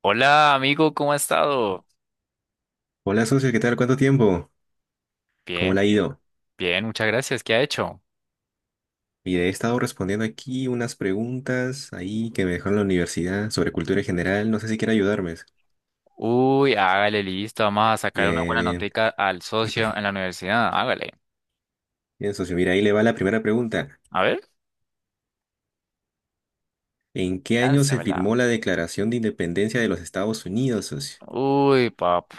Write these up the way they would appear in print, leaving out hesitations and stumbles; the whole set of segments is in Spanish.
Hola amigo, ¿cómo ha estado? Hola, socio, ¿qué tal? ¿Cuánto tiempo? ¿Cómo Bien, le ha ido? bien, muchas gracias. ¿Qué ha hecho? He estado respondiendo aquí unas preguntas ahí que me dejó en la universidad sobre cultura en general. No sé si quiere ayudarme. Uy, hágale, listo. Vamos a sacar una Bien, buena bien. notica al socio en la universidad. Hágale. Bien, socio. Mira, ahí le va la primera pregunta. A ver, ¿En qué año se láncemela. firmó la Declaración de Independencia de los Estados Unidos, socio? Uy, pap.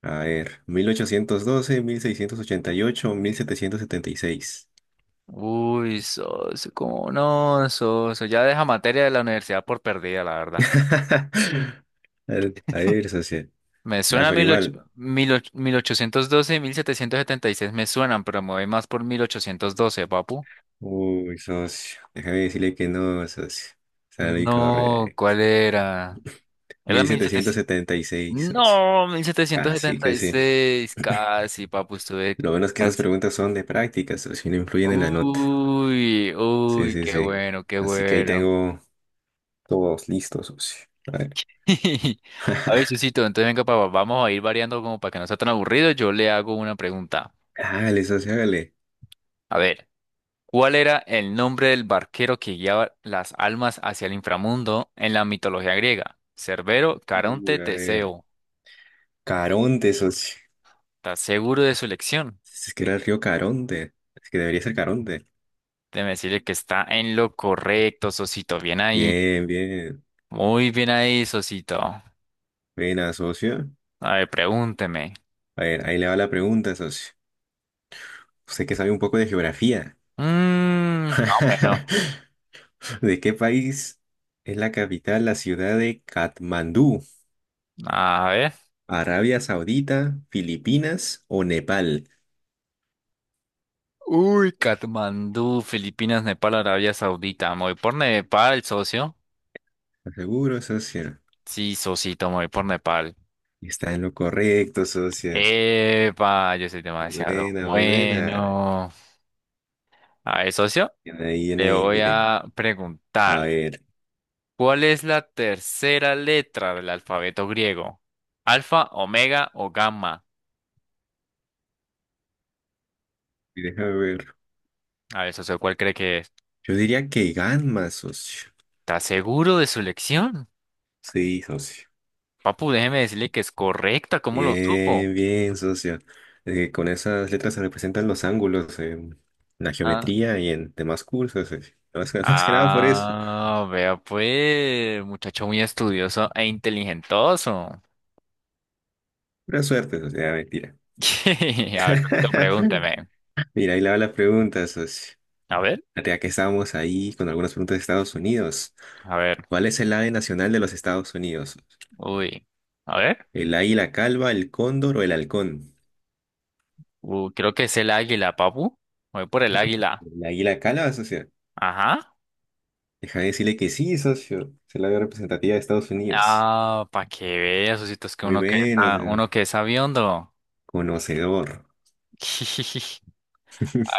A ver, mil ochocientos doce, 1688, 1776. Uy, socio, ¿cómo no, socio? Ya deja materia de la universidad por perdida, la verdad. A ver, socio. Me Nah, suena pero mil ocho- igual, mil och, mil 18 1812 y 1776. Me suenan, pero me voy más por 1812, papu. uy, socio. Déjame decirle que no, socio. Sale No, incorrecto. ¿cuál era? Era mil mil setecientos setecientos. setenta y seis socio. No, mil setecientos Así setenta que y sí. seis, casi, papu, estuve Lo bueno es que estas casi. preguntas son de práctica, socio, y no influyen en la nota. Uy, Sí, uy, sí, qué sí. bueno, qué Así que ahí bueno. tengo todos listos, socio. A ver. A ver, Susito, entonces venga, papá, vamos a ir variando como para que no sea tan aburrido. Yo le hago una pregunta. Hágale, socio, hágale. A ver, ¿cuál era el nombre del barquero que guiaba las almas hacia el inframundo en la mitología griega? Cerbero, Caronte, Uy, a ver. Teseo. Caronte, socio. ¿Estás seguro de su elección? Es que era el río Caronte. Es que debería ser Caronte. Déjeme decirle que está en lo correcto, Sosito. Bien ahí. Bien, bien. Muy bien ahí, Sosito. Buena, socio. A ver, pregúnteme. A ver, ahí le va la pregunta, socio. Usted que sabe un poco de geografía. Mm, más o menos. ¿De qué país es la capital la ciudad de Katmandú? A ver. ¿Arabia Saudita, Filipinas o Nepal? Uy, Katmandú, Filipinas, Nepal, Arabia Saudita. Me voy por Nepal, socio. ¿Estás seguro, socio? Sí, Sosito, me voy por Nepal. Está en lo correcto, socio. Epa, yo soy Muy demasiado buena, muy buena. bueno. A ver, socio, Bien le ahí, voy mire. a A preguntar. ver, ¿Cuál es la tercera letra del alfabeto griego? ¿Alfa, omega o gamma? déjame ver. A ver, socio, ¿cuál cree que es? Yo diría que Ganma, socio. ¿Está seguro de su elección? Sí, socio. Papu, déjeme decirle que es correcta, ¿cómo lo supo? Bien, bien, socio. Con esas letras se representan los ángulos en la Ah, geometría y en demás cursos, socio. Más que, más que nada por eso. ah, vea pues, muchacho muy estudioso e inteligentoso. Pura suerte, socio. Ah, mentira. A ver, Tito, pregúntame. Mira, ahí le va la pregunta, socio. A ver, Ya que estábamos ahí con algunas preguntas de Estados Unidos. a ver, ¿Cuál es el ave nacional de los Estados Unidos? uy, a ver, ¿El águila calva, el cóndor o el halcón? Creo que es el águila, papu. Voy por el águila. ¿El águila calva, socio? Ajá. Deja de decirle que sí, socio. Es el ave representativa de Estados Unidos. Ah, para que veas, Osito, es que Muy bueno, socio. uno que es sabiondo. Conocedor.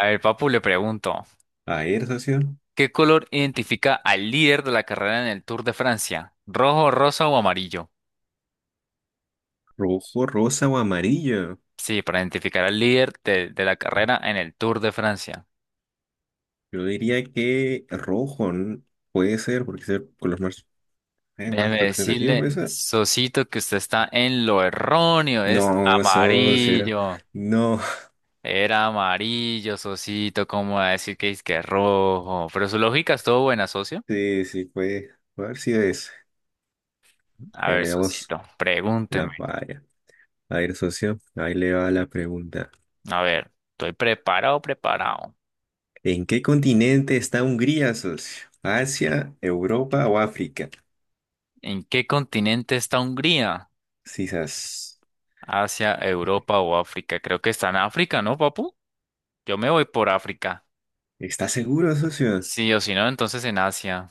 A ver, papu, le pregunto. A ver, socio. ¿Qué color identifica al líder de la carrera en el Tour de Francia? ¿Rojo, rosa o amarillo? ¿Rojo, rosa o amarillo? Sí, para identificar al líder de la carrera en el Tour de Francia. Yo diría que rojo, ¿no? Puede ser, porque es el color más, más Déjeme representativo, puede decirle, ser. Sosito, que usted está en lo erróneo. Es No, socio, amarillo. no, Era amarillo, Sosito. ¿Cómo va a decir que es rojo? Pero su lógica estuvo buena, socio. sí, sí, puede, a ver si es, A bueno, ver, digamos, Sosito, la pregúnteme. valla. A ver, socio, ahí le va la pregunta. A ver, estoy preparado, preparado. ¿En qué continente está Hungría, socio? ¿Asia, Europa o África? ¿En qué continente está Hungría? Sisas, Asia, Europa o África. Creo que está en África, ¿no, papu? Yo me voy por África. ¿estás seguro, socio? Sí o si no, entonces en Asia.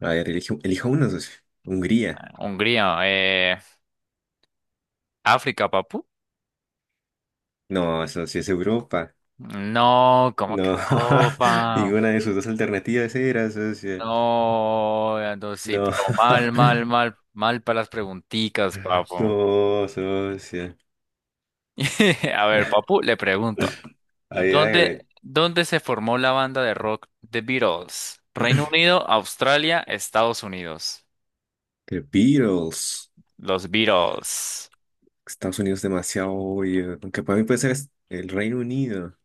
A ver, elijo uno, socio. Hungría. Hungría, África, papu. No, socio, es Europa. No, como que No, Europa. ninguna de sus dos alternativas era, socio. No, ando sí, No, pero mal, mal, mal, mal para las pregunticas, papu. no, socio. A ver, papu, le pregunto. A ver, ¿Dónde, hágale. dónde se formó la banda de rock The Beatles? Reino Unido, Australia, Estados Unidos. The Beatles. Los Beatles. Estados Unidos demasiado obvio. Aunque para mí puede ser el Reino Unido.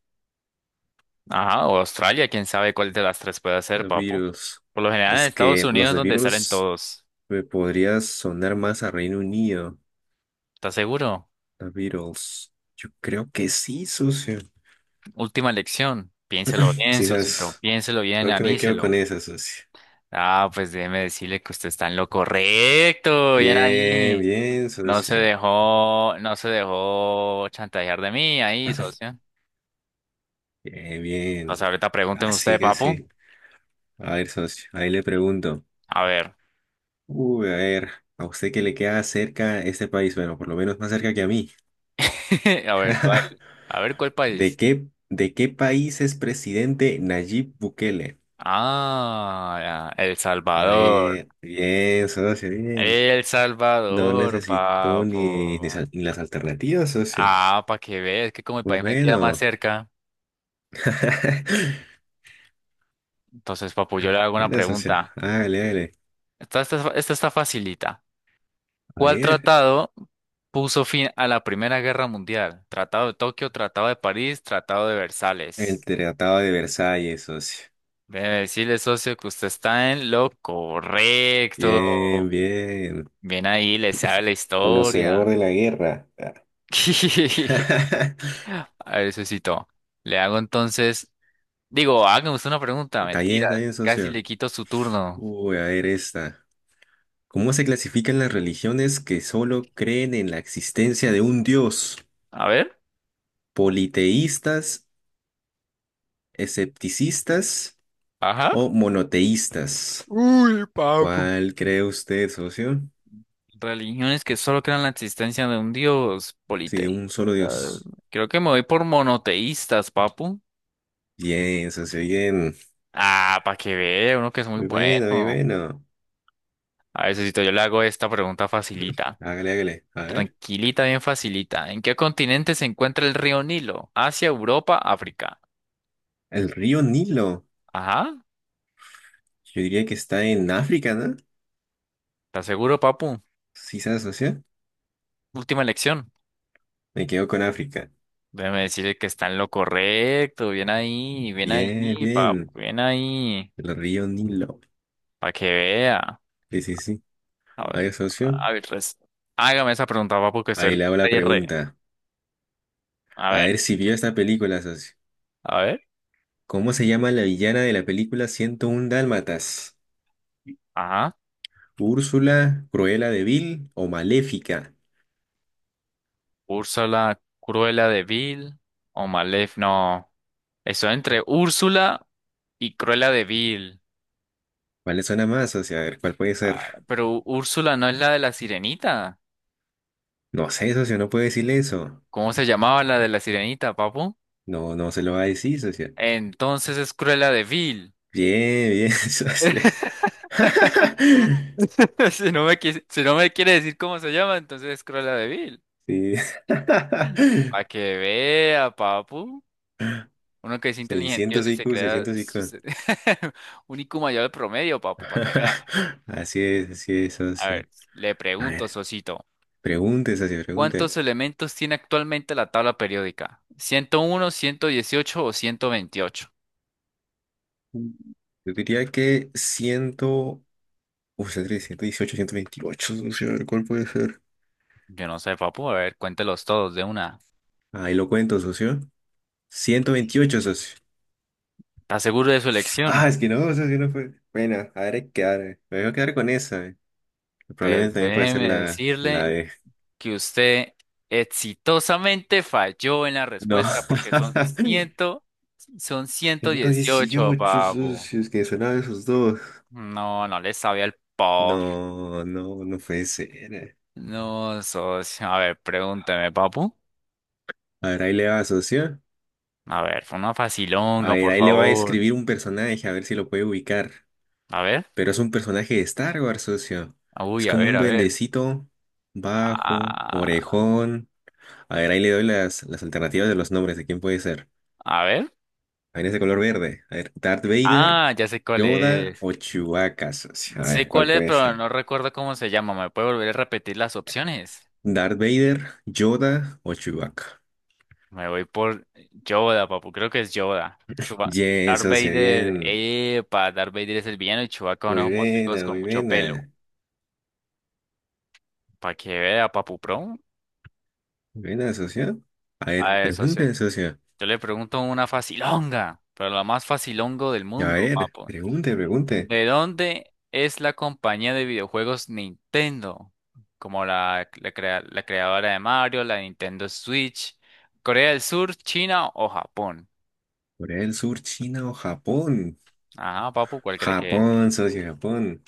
Ajá, o Australia, quién sabe cuál de las tres puede ser, The papo. Beatles. Por lo general en Es Estados que Unidos los es The donde salen Beatles todos. me podría sonar más a Reino Unido. ¿Estás seguro? The Beatles. Yo creo que sí, socio. Última elección. Piénselo bien, Sí, Sosito. sabes. Piénselo bien, Creo que me quedo con aníselo. esa, socio. Ah, pues déjeme decirle que usted está en lo correcto. Bien Bien, ahí. bien, No se socio. dejó, no se dejó chantajear de mí ahí, socio. Bien, Pues bien. ahorita pregunten usted, Casi, papo. casi. A ver, socio. Ahí le pregunto. A ver. Uy, a ver. ¿A usted qué le queda cerca este país? Bueno, por lo menos más cerca que a mí. A ver, ¿cuál? A ver, ¿cuál ¿De país? qué, de qué país es presidente Nayib Bukele? Ah, ya, El A Salvador. ver, bien, socio, bien. El No Salvador, necesito ni, ni, papo. sal- ni las alternativas, socio. Ah, para que veas, que como el Muy país me queda más bueno. cerca. Entonces, papu, yo le hago una Bueno, socio. pregunta. Hágale, hágale. Esta está facilita. A ¿Cuál ver. tratado puso fin a la Primera Guerra Mundial? ¿Tratado de Tokio, Tratado de París, Tratado de El Versalles? Tratado de Versalles, socio. Debe decirle, socio, que usted está en lo Bien, correcto. bien. Bien ahí, le sabe la Conocedor historia. de la guerra. A ver, socito. Le hago entonces Digo, hágame usted una pregunta, mentira. está bien, Casi socio. le quito su turno. Uy, a ver esta. ¿Cómo se clasifican las religiones que solo creen en la existencia de un Dios? A ver. Politeístas, escepticistas Ajá. o monoteístas. Uy, papu. ¿Cuál cree usted, socio? Religiones que solo crean la existencia de un dios Si de politeísta. un solo Dios. Creo que me voy por monoteístas, papu. Bien, socio, bien. Ah, para que vea, uno que es muy Muy bueno, muy bueno. bueno. A ver, Sosito, yo le hago esta pregunta facilita. Hágale, hágale. A ver. Tranquilita, bien facilita. ¿En qué continente se encuentra el río Nilo? Asia, Europa, África. El río Nilo. Ajá, Yo diría que está en África, ¿no? ¿estás seguro, papu? Sí, ¿sabes, socio? Última elección. Me quedo con África. Déjeme decirle que está en lo correcto. Bien ahí, Bien, papu, bien. bien ahí. El río Nilo. Para que vea. Sí, sí, sí. A A ver, ver, socio. a ver, hágame esa pregunta, papu, que estoy Ahí le hago la re, re. pregunta. A A ver, ver si vio esta película, socio. a ver. ¿Cómo se llama la villana de la película 101 Dálmatas? Ajá. ¿Úrsula, Cruella de Vil o Maléfica? Úrsula, Cruella de Vil o Malef. No. Estoy entre Úrsula y Cruella de Vil. ¿Cuál le suena más, socio? A ver, ¿cuál puede ser? Ah, pero Úrsula no es la de la sirenita. No sé, socio, no puede decirle eso. ¿Cómo se llamaba la de la sirenita, papu? No, no se lo va a decir, socio. Entonces es Cruella de Vil. Bien, bien, socio. Si no me quiere decir cómo se llama, entonces es Cruella de Vil. Sí. Para que vea, papu. Uno que es 600 inteligentioso IQ, 600 IQ. Un IQ mayor al promedio, papu, para que vea. Así es, A socio. ver, le A pregunto, ver, Sosito. pregunte, socio, pregunte. ¿Cuántos elementos tiene actualmente la tabla periódica? 101, 118 o 128. Yo diría que 100. Uf, tres, 118, 128, socio. A ver, ¿cuál puede ser? Yo no sé, papu. A ver, cuéntelos todos de una. Ahí lo cuento, socio. 128, socio. ¿Está seguro de su elección? Ah, es que no, socio, no fue. Bueno, a ver, hay que quedar. Me voy a quedar con esa. Probablemente Entonces, también puede ser déjeme la decirle de. que usted exitosamente falló en la No. respuesta porque son 118, 118, papu. socio. Es que sonaba esos dos. No, no le sabía el pop. No, no, no puede ser. eh. No, socio. A ver, pregúnteme, papu. A ver, ahí le va, socio. A ver, fue una A facilonga, ver, por ahí le va a favor. escribir un personaje, a ver si lo puede ubicar. A ver. Pero es un personaje de Star Wars, socio. Uy, Es a como ver, un a ver. duendecito bajo, Ah, orejón. A ver, ahí le doy las alternativas de los nombres de quién puede ser. a ver. A ver, ese color verde. A ver, Darth Vader, Ah, ya sé cuál Yoda es. o Chewbacca, socio. A ver, Sé ¿cuál cuál es, puede pero ser? no recuerdo cómo se llama. ¿Me puede volver a repetir las opciones? Darth Vader, Yoda o Chewbacca. Me voy por Yoda, papu. Creo que es Yoda. Chuba Bien, Darth socio, Vader. bien. Epa, Darth Vader es el villano y Chewbacca Muy unos monstruos buena, con muy mucho pelo. buena. Para que vea, papu, pro. Muy buena, socio. A ver, A eso sí. pregunten, socio. Yo le pregunto una facilonga, pero la más facilongo del A mundo, ver, papu. pregunte, pregunte. ¿De dónde es la compañía de videojuegos Nintendo? Como la creadora de Mario, la Nintendo Switch. ¿Corea del Sur, China o Japón? ¿Corea del Sur, China o Japón? Ajá, papu, ¿cuál cree que es? Japón, socio, Japón.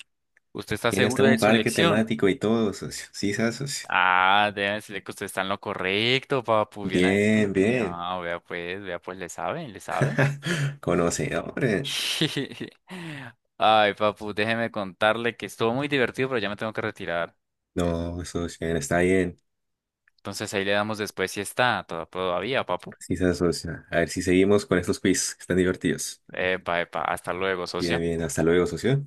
¿Usted está Tiene hasta seguro de un su parque elección? temático y todo, socio. Sí, socio. Ah, deben decirle que usted está en lo correcto, papu. Bien ahí. Bien, bien. Ah, vea pues, le saben, le saben. Conocedores. Ay, papu, déjeme contarle que estuvo muy divertido, pero ya me tengo que retirar. No, socio, está bien. Entonces ahí le damos después si está todavía, papu. Sí, socio. A ver si seguimos con estos quiz. Están divertidos. Epa, epa, hasta luego, Bien, socio. bien. Hasta luego, socio.